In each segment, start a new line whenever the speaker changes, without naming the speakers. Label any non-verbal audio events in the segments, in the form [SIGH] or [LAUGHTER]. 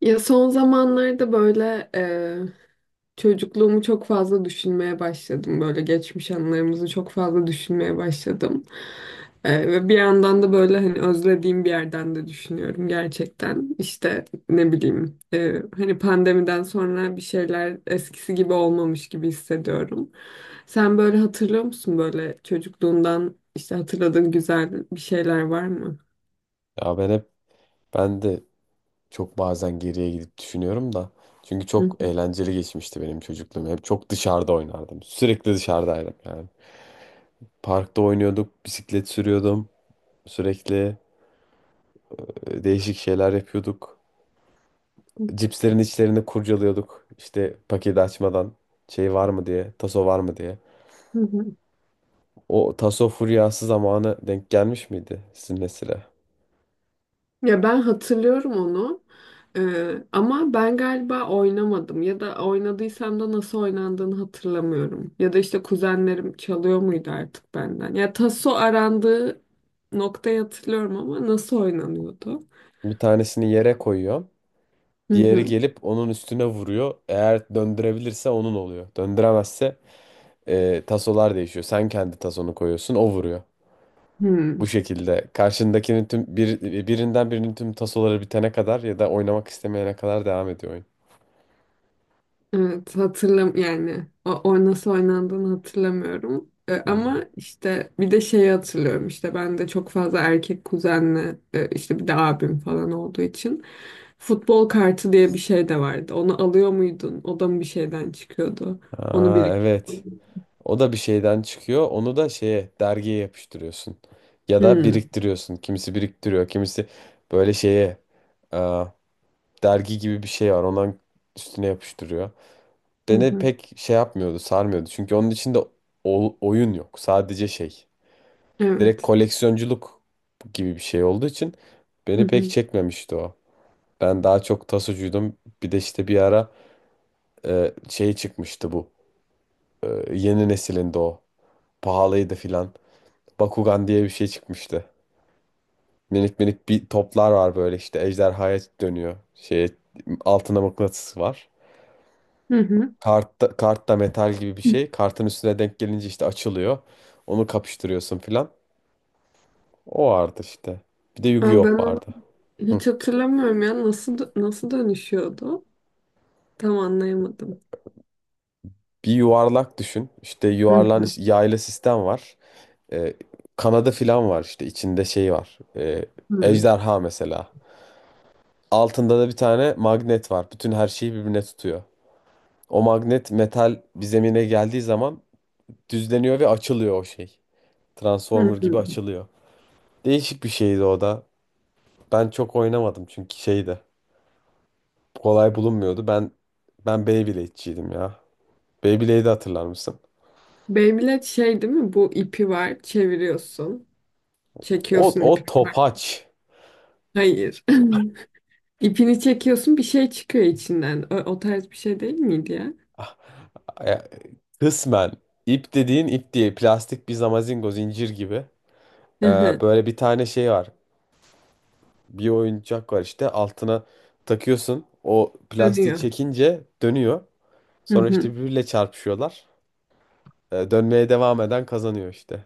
Ya son zamanlarda böyle çocukluğumu çok fazla düşünmeye başladım. Böyle geçmiş anılarımızı çok fazla düşünmeye başladım. Ve bir yandan da böyle hani özlediğim bir yerden de düşünüyorum gerçekten. İşte ne bileyim hani pandemiden sonra bir şeyler eskisi gibi olmamış gibi hissediyorum. Sen böyle hatırlıyor musun böyle çocukluğundan işte hatırladığın güzel bir şeyler var mı?
Ya ben de çok bazen geriye gidip düşünüyorum da. Çünkü
Hı
çok
hı.
eğlenceli geçmişti benim çocukluğum. Hep çok dışarıda oynardım. Sürekli dışarıdaydım yani. Parkta oynuyorduk, bisiklet sürüyordum. Sürekli değişik şeyler yapıyorduk. Cipslerin içlerini kurcalıyorduk. İşte paketi açmadan şey var mı diye, taso var mı diye.
Hı hı.
O taso furyası zamanı denk gelmiş miydi sizin nesile?
Ya ben hatırlıyorum onu. Ama ben galiba oynamadım ya da oynadıysam da nasıl oynandığını hatırlamıyorum. Ya da işte kuzenlerim çalıyor muydu artık benden. Ya taso arandığı noktayı hatırlıyorum ama nasıl oynanıyordu?
Bir tanesini yere koyuyor.
Hı
Diğeri
hı.
gelip onun üstüne vuruyor. Eğer döndürebilirse onun oluyor. Döndüremezse tasolar değişiyor. Sen kendi tasonu koyuyorsun, o vuruyor. Bu
Hı.
şekilde karşındakinin tüm bir, birinden birinin tüm tasoları bitene kadar ya da oynamak istemeyene kadar devam ediyor oyun.
Evet hatırlam yani o nasıl oynandığını hatırlamıyorum. Ama
Hmm.
işte bir de şeyi hatırlıyorum işte ben de çok fazla erkek kuzenle işte bir de abim falan olduğu için futbol kartı diye bir şey de vardı. Onu alıyor muydun? O da mı bir şeyden çıkıyordu? Onu
Aa, evet.
biriktiriyordum.
O da bir şeyden çıkıyor. Onu da şeye dergiye yapıştırıyorsun. Ya da
Hı
biriktiriyorsun. Kimisi biriktiriyor, kimisi böyle şeye aa, dergi gibi bir şey var. Ondan üstüne yapıştırıyor.
hı.
Beni
Hı.
pek şey yapmıyordu, sarmıyordu. Çünkü onun içinde oyun yok. Sadece şey. Direkt
Evet.
koleksiyonculuk gibi bir şey olduğu için
Hı
beni pek
hı.
çekmemişti o. Ben daha çok tasocuydum. Bir de işte bir ara şey çıkmıştı bu. E, Yeni nesilinde o. Pahalıydı filan. Bakugan diye bir şey çıkmıştı. Minik minik bir toplar var böyle işte. Ejderhaya dönüyor. Şey altına mıknatıs var.
Hı hı.
Kart da, kart da metal gibi bir şey. Kartın üstüne denk gelince işte açılıyor. Onu kapıştırıyorsun filan. O vardı işte. Bir de
Aa, ben
Yu-Gi-Oh
onu
vardı. Hı.
hiç hatırlamıyorum ya nasıl dönüşüyordu? Tam anlayamadım.
Bir yuvarlak düşün. İşte
Hı
yuvarlan
hı.
yaylı sistem var. Ee, kanadı filan var işte. İçinde şey var.
Hı
Ejderha mesela. Altında da bir tane magnet var. Bütün her şeyi birbirine tutuyor. O magnet metal bir zemine geldiği zaman düzleniyor ve açılıyor o şey. Transformer
hı.
gibi açılıyor. Değişik bir şeydi o da. Ben çok oynamadım çünkü şeydi. Kolay bulunmuyordu. Ben Beyblade'ciydim ya. Beyblade'i hatırlar mısın?
Beyblade şey değil mi? Bu ipi var, çeviriyorsun.
O
Çekiyorsun ipi.
o
Var.
topaç.
Hayır. [LAUGHS] İpini çekiyorsun, bir şey çıkıyor içinden. O tarz bir şey değil miydi ya?
Ah, ya, kısmen ip dediğin ip diye plastik bir zamazingo zincir gibi. Ee,
Hı hı.
böyle bir tane şey var. Bir oyuncak var işte altına takıyorsun. O plastiği
Dönüyor.
çekince dönüyor.
Hı
Sonra
hı.
işte birbiriyle çarpışıyorlar. Dönmeye devam eden kazanıyor işte.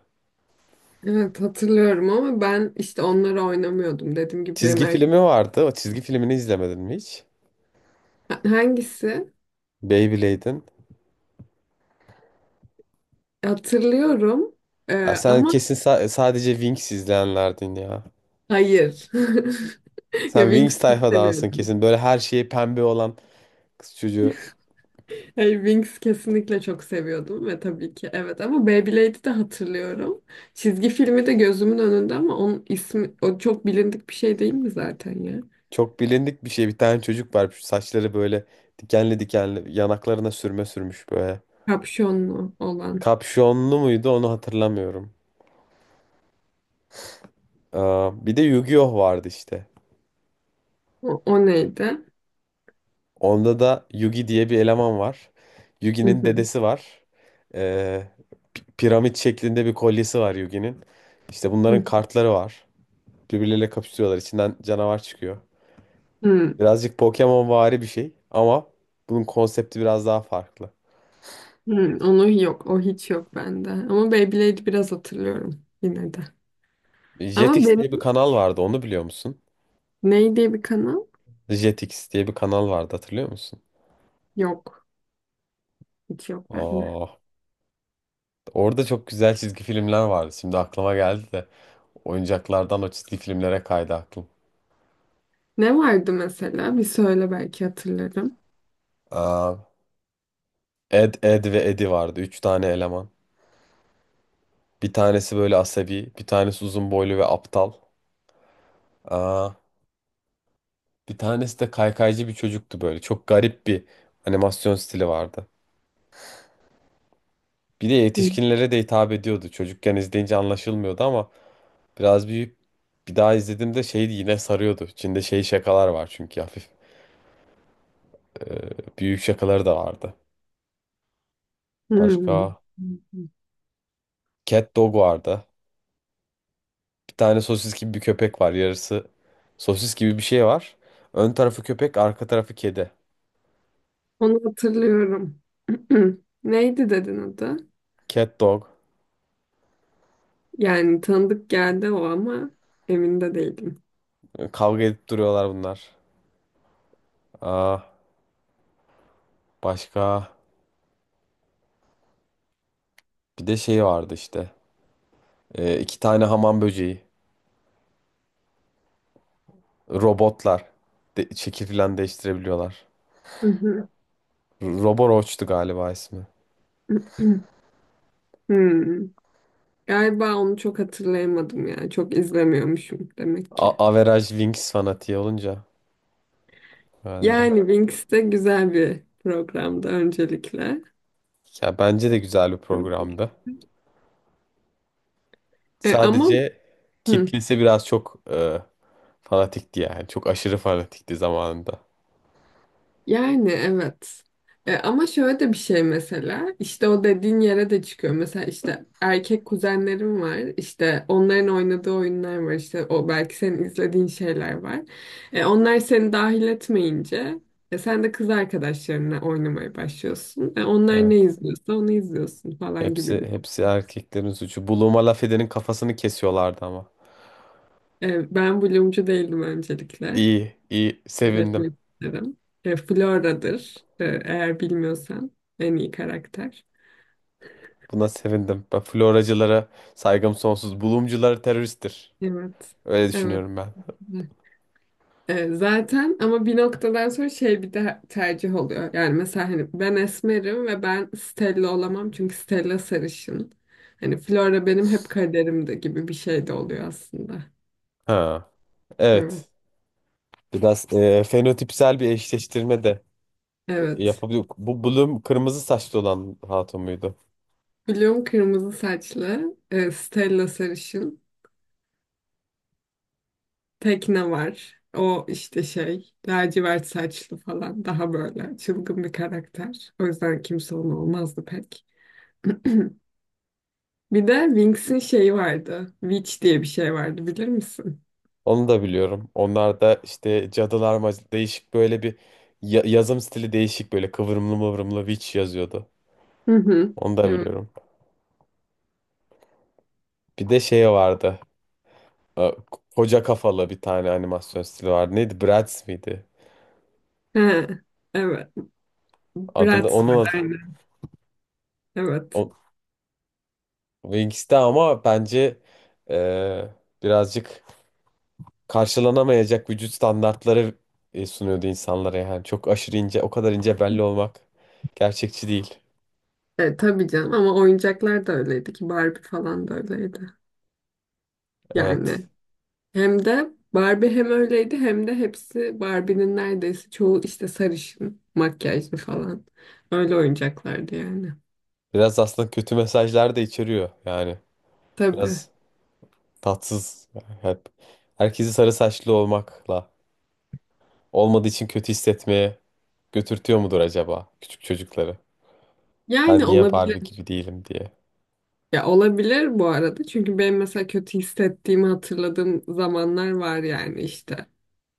Evet hatırlıyorum ama ben işte onları oynamıyordum. Dediğim gibi benim
Çizgi
erkek...
filmi vardı. O çizgi filmini izlemedin mi hiç?
Hangisi?
Beyblade'in.
Hatırlıyorum.
Ya
Ee,
sen
ama
kesin sadece Wings izleyenlerdin ya.
Hayır. [LAUGHS] Ya
Sen Wings
Wingsuit
tayfadansın
seviyordum.
kesin. Böyle her şeyi pembe olan kız çocuğu.
Hey, Winx kesinlikle çok seviyordum ve tabii ki evet ama Beyblade'i de hatırlıyorum. Çizgi filmi de gözümün önünde ama onun ismi o çok bilindik bir şey değil mi zaten ya?
Çok bilindik bir şey. Bir tane çocuk var. Şu saçları böyle dikenli dikenli. Yanaklarına sürme sürmüş böyle.
Kapşonlu olan.
Kapşonlu muydu onu hatırlamıyorum. Aa, bir de Yu-Gi-Oh vardı işte.
O neydi?
Onda da Yugi diye bir eleman var.
Hı
Yugi'nin
hı.
dedesi var. Ee, piramit şeklinde bir kolyesi var Yugi'nin. İşte bunların
Hı
kartları var. Birbirleriyle kapışıyorlar. İçinden canavar çıkıyor.
hı.
Birazcık Pokemon vari bir şey ama bunun konsepti biraz daha farklı.
Hı. Onu yok. O hiç yok bende. Ama Beyblade'i biraz hatırlıyorum yine de. Ama
Jetix
benim
diye bir kanal vardı onu biliyor musun?
ney diye bir kanal
Jetix diye bir kanal vardı hatırlıyor musun?
yok. Hiç yok bende.
Aa, orada çok güzel çizgi filmler vardı. Şimdi aklıma geldi de oyuncaklardan o çizgi filmlere kaydı aklım.
Ne vardı mesela? Bir söyle belki hatırlarım.
Aa, Ed ve Eddie vardı. Üç tane eleman. Bir tanesi böyle asabi, bir tanesi uzun boylu ve aptal. Aa, bir tanesi de kaykaycı bir çocuktu böyle. Çok garip bir animasyon stili vardı. Bir de
Hı.
yetişkinlere de hitap ediyordu. Çocukken izleyince anlaşılmıyordu ama biraz büyüyüp bir daha izlediğimde şeydi yine sarıyordu. İçinde şey şakalar var çünkü hafif e, büyük şakaları da vardı.
Hı.
Başka Cat Dog vardı. Bir tane sosis gibi bir köpek var. Yarısı sosis gibi bir şey var. Ön tarafı köpek, arka tarafı kedi.
Onu hatırlıyorum. [CLEARS THROAT] Neydi dedin adı?
Cat Dog.
Yani tanıdık geldi o ama emin de değilim.
E, kavga edip duruyorlar bunlar. Aa, başka bir de şey vardı işte. E, iki tane hamam böceği. Robotlar. De, şekil falan değiştirebiliyorlar.
Hı hı.
Roboroach'tu galiba ismi.
[CLEARS THROAT] Hmm. Galiba onu çok hatırlayamadım ya. Çok izlemiyormuşum demek
A
ki.
Average Wings fanatiği olunca herhalde.
Yani Wings de güzel bir programdı öncelikle.
Ya bence de güzel bir programdı.
E, ama
Sadece
Hı.
kitlesi biraz çok fanatikti yani. Çok aşırı fanatikti zamanında.
Yani evet. Ama şöyle de bir şey mesela işte o dediğin yere de çıkıyor. Mesela işte erkek kuzenlerim var. İşte onların oynadığı oyunlar var. İşte o belki senin izlediğin şeyler var. Onlar seni dahil etmeyince sen de kız arkadaşlarınla oynamaya başlıyorsun. Onlar ne
Evet.
izliyorsa onu izliyorsun falan gibi
Hepsi
bir.
hepsi erkeklerin suçu. Buluma laf edenin kafasını kesiyorlardı ama.
Ben Bloom'cu değildim öncelikle.
İyi, iyi. Sevindim.
Belirtmek isterim. Flora'dır. Eğer bilmiyorsan en iyi karakter.
Buna sevindim. Ben floracılara saygım sonsuz. Bulumcular teröristtir.
Evet.
Öyle
Evet.
düşünüyorum ben.
Zaten ama bir noktadan sonra şey bir de tercih oluyor. Yani mesela hani ben esmerim ve ben Stella olamam çünkü Stella sarışın. Hani Flora benim hep kaderimde gibi bir şey de oluyor aslında.
Ha.
Evet.
Evet. Biraz fenotipsel bir eşleştirme de
Evet.
yapabiliyor. Bu Bloom kırmızı saçlı olan hatun muydu?
Bloom kırmızı saçlı, Stella sarışın, Tekne var. O işte şey, lacivert saçlı falan daha böyle çılgın bir karakter. O yüzden kimse onu olmazdı pek. [CLEARS THROAT] Bir de Winx'in şeyi vardı. Witch diye bir şey vardı bilir misin?
Onu da biliyorum. Onlar da işte cadılar değişik böyle bir yazım stili değişik böyle kıvrımlı mıvrımlı witch yazıyordu.
Hı hı.
Onu da
Evet.
biliyorum. Bir de şey vardı. e, Koca kafalı bir tane animasyon stili vardı. Neydi? Bratz miydi?
He, evet.
Adını
Bratz var
onun
aynen. Evet.
o, Wings'te ama bence e, birazcık karşılanamayacak vücut standartları sunuyordu insanlara yani. Çok aşırı ince, o kadar ince belli olmak gerçekçi değil.
Tabii canım ama oyuncaklar da öyleydi ki Barbie falan da öyleydi. Yani
Evet.
hem de Barbie hem öyleydi hem de hepsi Barbie'nin neredeyse çoğu işte sarışın, makyajlı falan. Öyle oyuncaklardı yani.
Biraz aslında kötü mesajlar da içeriyor yani.
Tabii.
Biraz tatsız. Hep herkesi sarı saçlı olmakla olmadığı için kötü hissetmeye götürtüyor mudur acaba küçük çocukları? Ben
Yani
niye
olabilir.
Barbie gibi değilim diye.
Ya olabilir bu arada. Çünkü benim mesela kötü hissettiğimi hatırladığım zamanlar var yani işte.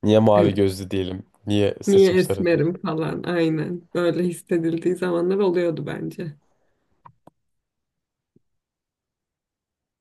Niye
Hani
mavi gözlü değilim? Niye
niye
saçım sarı değil?
esmerim falan aynen. Öyle hissedildiği zamanlar oluyordu bence.